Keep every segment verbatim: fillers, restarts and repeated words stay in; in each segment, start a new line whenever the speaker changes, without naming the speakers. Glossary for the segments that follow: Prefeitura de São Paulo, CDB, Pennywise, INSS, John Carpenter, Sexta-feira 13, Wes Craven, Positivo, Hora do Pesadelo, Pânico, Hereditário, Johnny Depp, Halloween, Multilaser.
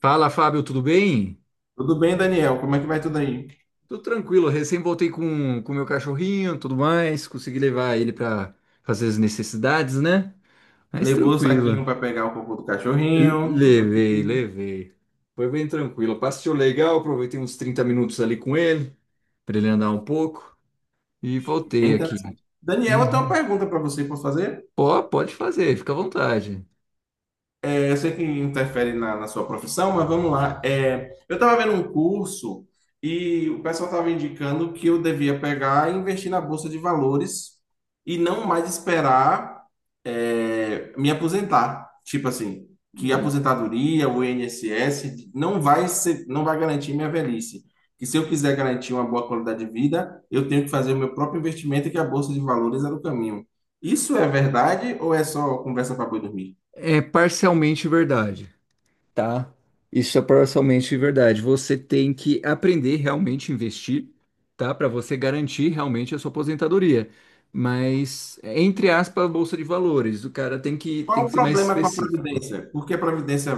Fala, Fábio, tudo bem?
Tudo bem, Daniel? Como é que vai tudo aí?
Tudo tranquilo, recém voltei com o meu cachorrinho, tudo mais, consegui levar ele para fazer as necessidades, né? Mas
Levou o
tranquilo.
saquinho para pegar o cocô do
L-
cachorrinho, tudo
Levei,
aqui.
levei. Foi bem tranquilo. Passeio legal, aproveitei uns trinta minutos ali com ele, para ele andar um pouco e voltei
Bem
aqui.
interessante. Daniel, eu tenho uma
Uhum.
pergunta para você, posso fazer?
Ó, pode fazer, fica à vontade.
É, eu sei que interfere na, na sua profissão, mas vamos lá. É, eu estava vendo um curso e o pessoal estava indicando que eu devia pegar e investir na bolsa de valores e não mais esperar é, me aposentar. Tipo assim, que a
E
aposentadoria, o I N S S, não vai ser, não vai garantir minha velhice. Que se eu quiser garantir uma boa qualidade de vida, eu tenho que fazer o meu próprio investimento e que a bolsa de valores é o caminho. Isso é verdade ou é só conversa para boi dormir?
É parcialmente verdade. Tá, isso é parcialmente verdade. Você tem que aprender realmente a investir, tá? Para você garantir realmente a sua aposentadoria. Mas, entre aspas, bolsa de valores, o cara tem que,
Qual
tem
o
que ser mais
problema com a
específico.
Previdência? Por que a Previdência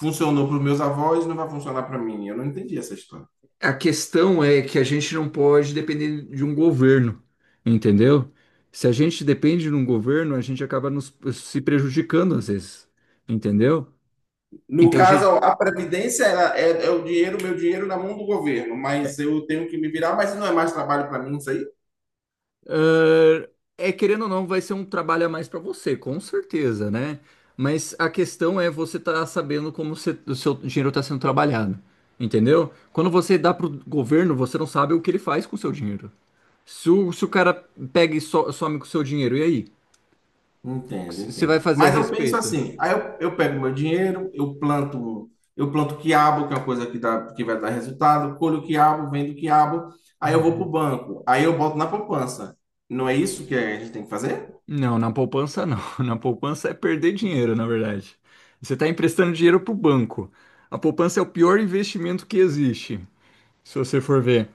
funcionou para os meus avós e não vai funcionar para mim? Eu não entendi essa história.
A questão é que a gente não pode depender de um governo, entendeu? Se a gente depende de um governo, a gente acaba nos, se prejudicando às vezes, entendeu?
No
Então, a
caso,
gente.
a Previdência ela é, é o dinheiro, meu dinheiro na mão do governo, mas eu tenho que me virar, mas não é mais trabalho para mim isso aí?
Ah, É, querendo ou não, vai ser um trabalho a mais para você, com certeza, né? Mas a questão é você tá sabendo como você- o seu dinheiro está sendo trabalhado, entendeu? Quando você dá pro governo, você não sabe o que ele faz com o seu dinheiro. Se o, se o cara pega e so- some com o seu dinheiro, e aí? O que
Entendo,
você
entendo.
vai fazer a
Mas eu penso
respeito?
assim, aí eu, eu pego meu dinheiro, eu planto, eu planto quiabo, que é uma coisa que, dá, que vai dar resultado, colho quiabo, vendo quiabo, aí eu vou para o banco, aí eu boto na poupança. Não é isso que a gente tem que fazer?
Não, na poupança não. Na poupança é perder dinheiro, na verdade. Você está emprestando dinheiro pro banco. A poupança é o pior investimento que existe, se você for ver.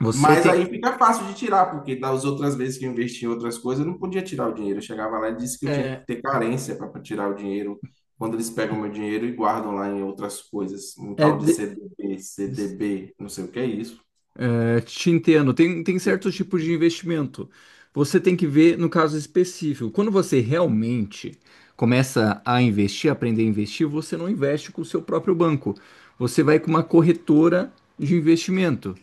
Você
Mas
tem.
aí fica fácil de tirar, porque das outras vezes que eu investi em outras coisas, eu não podia tirar o dinheiro. Eu chegava lá e disse que eu tinha que
é,
ter carência para tirar o dinheiro. Quando eles pegam meu dinheiro e guardam lá em outras coisas, um
É,
tal de
de-
C D B, C D B, não sei o que é isso.
é, te entendo. Tem, tem certos tipos de investimento. Você tem que ver no caso específico. Quando você realmente começa a investir, aprender a investir, você não investe com o seu próprio banco. Você vai com uma corretora de investimento.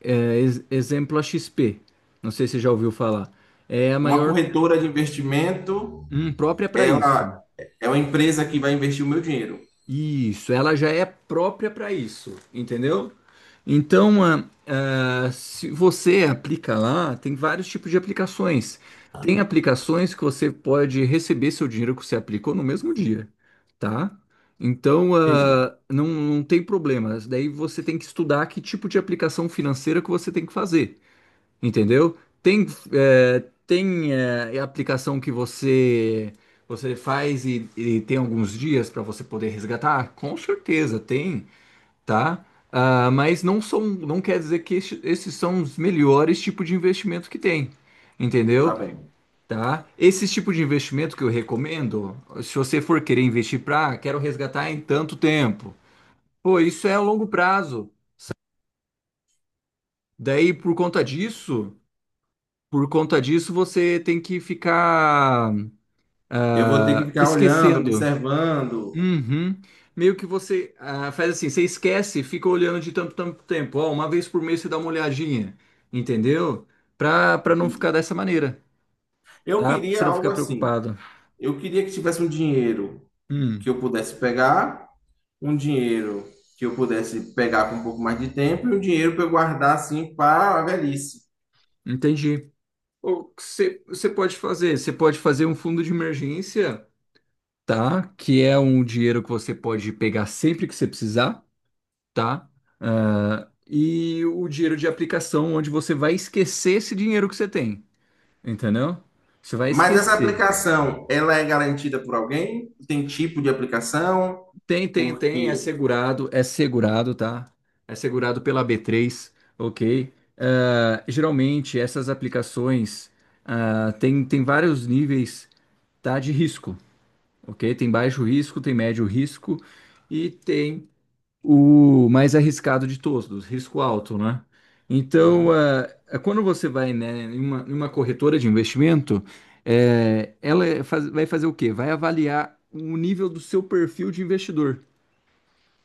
É, ex- exemplo, a X P. Não sei se você já ouviu falar. É a
Uma
maior,
corretora de investimento,
hum, própria para isso.
ela é uma empresa que vai investir o meu dinheiro.
Isso, ela já é própria para isso, entendeu? Então, ah, ah, se você aplica lá, tem vários tipos de aplicações. Tem aplicações que você pode receber seu dinheiro que você aplicou no mesmo dia, tá? Então,
Entendi.
ah, não, não tem problema. Daí você tem que estudar que tipo de aplicação financeira que você tem que fazer. Entendeu? Tem, é, tem é, aplicação que você você faz e, e tem alguns dias para você poder resgatar? Com certeza tem, tá? Ah, mas não são, não quer dizer que este- esses são os melhores tipos de investimento que tem,
Tá
entendeu?
bem.
Tá? Esse tipo de investimento que eu recomendo, se você for querer investir para, quero resgatar em tanto tempo. Pô, isso é a longo prazo. Daí, por conta disso. Por conta disso, você tem que ficar
Eu vou ter que
ah,
ficar olhando,
esquecendo.
observando.
Uhum. Meio que você ah, faz assim, você esquece, e fica olhando de tanto, tanto tempo. Ó, uma vez por mês você dá uma olhadinha, entendeu? Pra, pra não ficar
Entendi.
dessa maneira,
Eu
tá? Pra você
queria
não
algo
ficar
assim.
preocupado.
Eu queria que tivesse um dinheiro que
Hum,
eu pudesse pegar um dinheiro que eu pudesse pegar com um pouco mais de tempo e um dinheiro para eu guardar assim para a velhice.
entendi. O que você, você pode fazer? Você pode fazer um fundo de emergência, tá? Que é um dinheiro que você pode pegar sempre que você precisar. Tá? Ah, e o dinheiro de aplicação, onde você vai esquecer esse dinheiro que você tem, entendeu? Você vai
Mas essa
esquecer.
aplicação, ela é garantida por alguém? Tem tipo de aplicação?
Tem, tem, tem, é
Porque.
segurado, é segurado, tá? É segurado pela b três, ok? Ah, geralmente, essas aplicações ah, tem, tem vários níveis, tá, de risco, ok? Tem baixo risco, tem médio risco e tem o mais arriscado de todos, risco alto, né? Então,
Uhum.
eh, eh, quando você vai, né, em uma, em uma corretora de investimento, eh, ela é faz- vai fazer o quê? Vai avaliar o nível do seu perfil de investidor.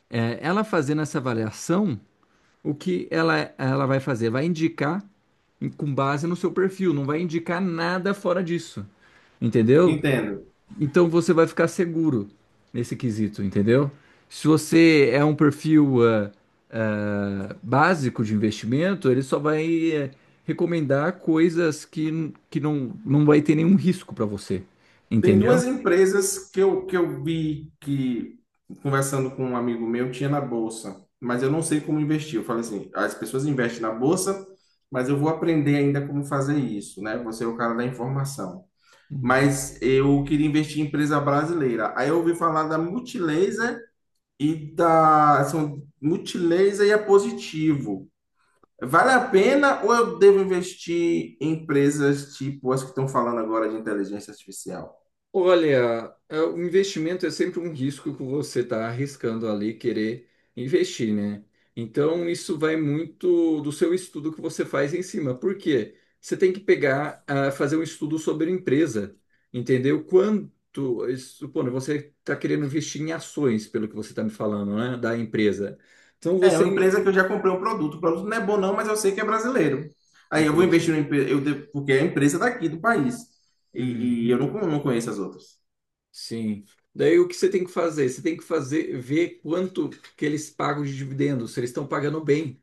Eh, ela fazendo essa avaliação, o que ela, ela vai fazer? Vai indicar em- com base no seu perfil, não vai indicar nada fora disso, entendeu?
Entendo.
Então você vai ficar seguro nesse quesito, entendeu? Se você é um perfil ah, ah, básico de investimento, ele só vai eh, recomendar coisas que, que não, não vai ter nenhum risco para você,
Tem
entendeu?
duas empresas que eu, que eu vi que, conversando com um amigo meu, tinha na bolsa, mas eu não sei como investir. Eu falei assim: as pessoas investem na bolsa, mas eu vou aprender ainda como fazer isso, né? Você é o cara da informação. Mas eu queria investir em empresa brasileira. Aí eu ouvi falar da Multilaser e da são Multilaser e a Positivo. Vale a pena ou eu devo investir em empresas tipo as que estão falando agora de inteligência artificial?
Olha, é, o investimento é sempre um risco que você está arriscando ali querer investir, né? Então, isso vai muito do seu estudo que você faz em cima. Por quê? Você tem que pegar, ah, fazer um estudo sobre a empresa, entendeu? Quanto, eh, supondo, você está querendo investir em ações, pelo que você está me falando, né? Da empresa. Então,
É, é uma
você...
empresa que eu já comprei um produto. O produto não é bom não, mas eu sei que é brasileiro. Aí eu vou
Entende.
investir numa empresa, eu devo- porque é a empresa daqui do país. E, e eu
Uhum.
não, não conheço as outras.
Sim. Daí o que você tem que fazer? Você tem que fazer, ver quanto que eles pagam de dividendos, se eles estão pagando bem.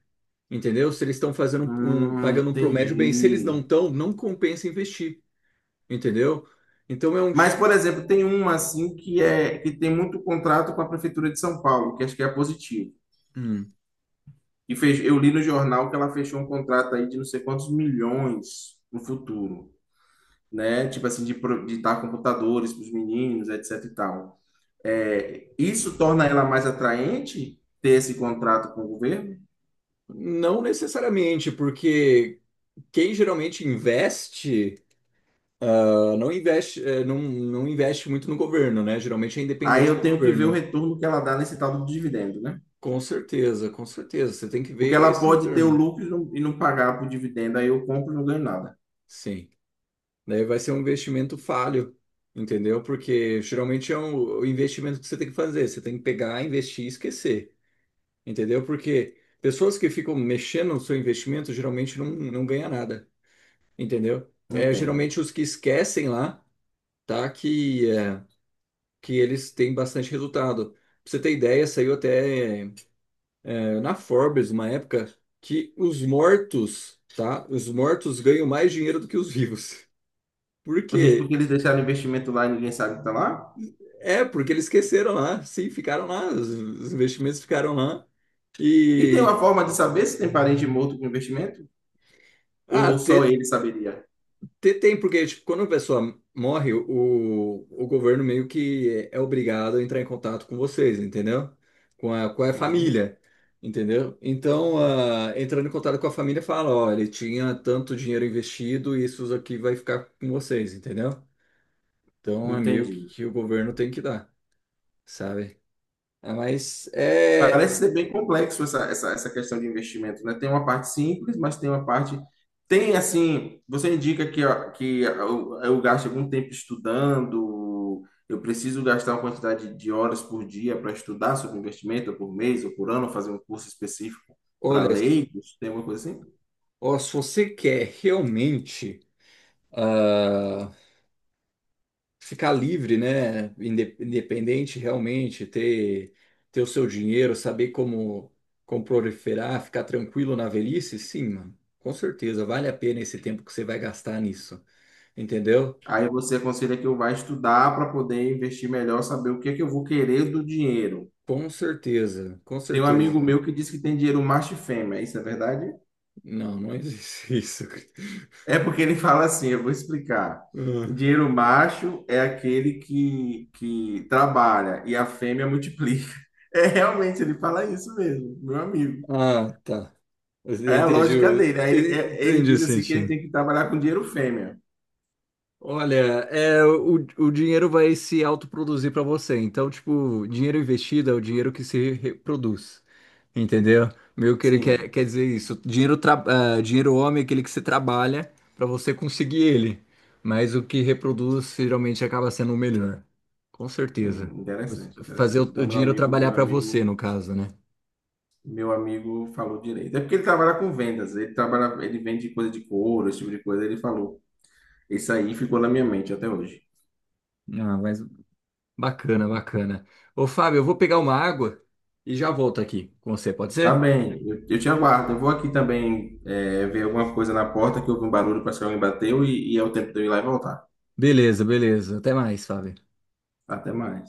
Entendeu? Se eles estão fazendo um, um,
Hum,
pagando um promédio bem, se eles não
entendi.
estão, não compensa investir, entendeu? Então é um
Mas, por
estu-
exemplo, tem uma assim que é que tem muito contrato com a Prefeitura de São Paulo, que acho que é positivo.
hum,
E fez, eu li no jornal que ela fechou um contrato aí de não sei quantos milhões no futuro, né? Tipo assim, de, pro- de dar computadores para os meninos, etc e tal. É, isso torna ela mais atraente ter esse contrato com o governo?
não necessariamente, porque quem geralmente investe ah, não investe eh, não, não investe muito no governo, né? Geralmente é
Aí
independente
eu
do
tenho que ver o
governo.
retorno que ela dá nesse tal do dividendo, né?
Com certeza, com certeza. Você tem que
Porque
ver
ela
esse
pode ter o
retorno.
lucro e não, e não pagar por dividendo, aí eu compro e não ganho nada.
Sim. Daí vai ser um investimento falho, entendeu? Porque geralmente é um, o investimento que você tem que fazer. Você tem que pegar, investir e esquecer. Entendeu? Porque pessoas que ficam mexendo no seu investimento geralmente não, não ganha nada, entendeu?
Não
É
entendo.
geralmente os que esquecem lá, tá? Que, é, que eles têm bastante resultado. Pra você ter ideia, saiu até é, na Forbes uma época que os mortos, tá? Os mortos ganham mais dinheiro do que os vivos. Por
Ô, gente, porque
quê?
eles deixaram investimento lá e ninguém sabe que tá lá?
É, porque eles esqueceram lá, sim, ficaram lá, os os investimentos ficaram lá.
E tem
E
uma forma de saber se tem parente morto com investimento? Ou
ah,
só
te-
ele saberia?
Te- Tem, porque tipo, quando a pessoa morre, o, o governo meio que é obrigado a entrar em contato com vocês, entendeu? Com a, com a
Uhum,
família, entendeu? Então, ah, entrando em contato com a família, fala, ó, ele tinha tanto dinheiro investido e isso aqui vai ficar com vocês, entendeu? Então, é meio que,
entendi.
que o governo tem que dar, sabe? Ah, mas, é,
Parece
é-
ser bem complexo essa, essa, essa questão de investimento, né? Tem uma parte simples, mas tem uma parte. Tem, assim, você indica que, ó, que eu, eu gasto algum tempo estudando, eu preciso gastar uma quantidade de horas por dia para estudar sobre investimento, ou por mês, ou por ano, fazer um curso específico para
olha,
leigos, tem alguma coisa assim?
ó, se você quer realmente... ah, ficar livre, né? inde- Independente realmente, ter, ter o seu dinheiro, saber como, como proliferar, ficar tranquilo na velhice, sim, mano. Com certeza, vale a pena esse tempo que você vai gastar nisso, entendeu?
Aí você aconselha que eu vá estudar para poder investir melhor, saber o que é que eu vou querer do dinheiro.
Com certeza, com
Tem um amigo
certeza.
meu que diz que tem dinheiro macho e fêmea, isso é verdade?
Não, não existe isso.
É porque ele fala assim, eu vou explicar. Dinheiro macho é aquele que, que trabalha e a fêmea multiplica. É realmente, ele fala isso mesmo, meu amigo.
Ah, tá. Eu
É a
entendi,
lógica
o-
dele. Aí ele, é- ele
entendi o
diz assim que ele
sentido.
tem que trabalhar com dinheiro fêmea.
Olha, é, o, o dinheiro vai se autoproduzir para você. Então, tipo, dinheiro investido é o dinheiro que se reproduz. Entendeu? Meio que ele quer,
Sim,
quer dizer isso. Dinheiro, tra- ah, dinheiro homem é aquele que você trabalha para você conseguir ele. Mas o que reproduz geralmente acaba sendo o melhor. Com certeza.
hum,
Você-
interessante,
Fazer o,
interessante.
o
Então, meu
dinheiro
amigo,
trabalhar
meu
para você,
amigo.
no caso, né?
Meu amigo falou direito. É porque ele trabalha com vendas, ele trabalha, ele vende coisa de couro, esse tipo de coisa. Ele falou. Isso aí ficou na minha mente até hoje.
Ah, mas Bacana, bacana. Ô, Fábio, eu vou pegar uma água e já volto aqui com você, pode
Tá
ser?
bem, eu, eu te aguardo. Eu vou aqui também é, ver alguma coisa na porta que houve um barulho, parece que alguém bateu e, e é o tempo de eu ir lá e voltar.
Beleza, beleza. Até mais, Fábio.
Até mais.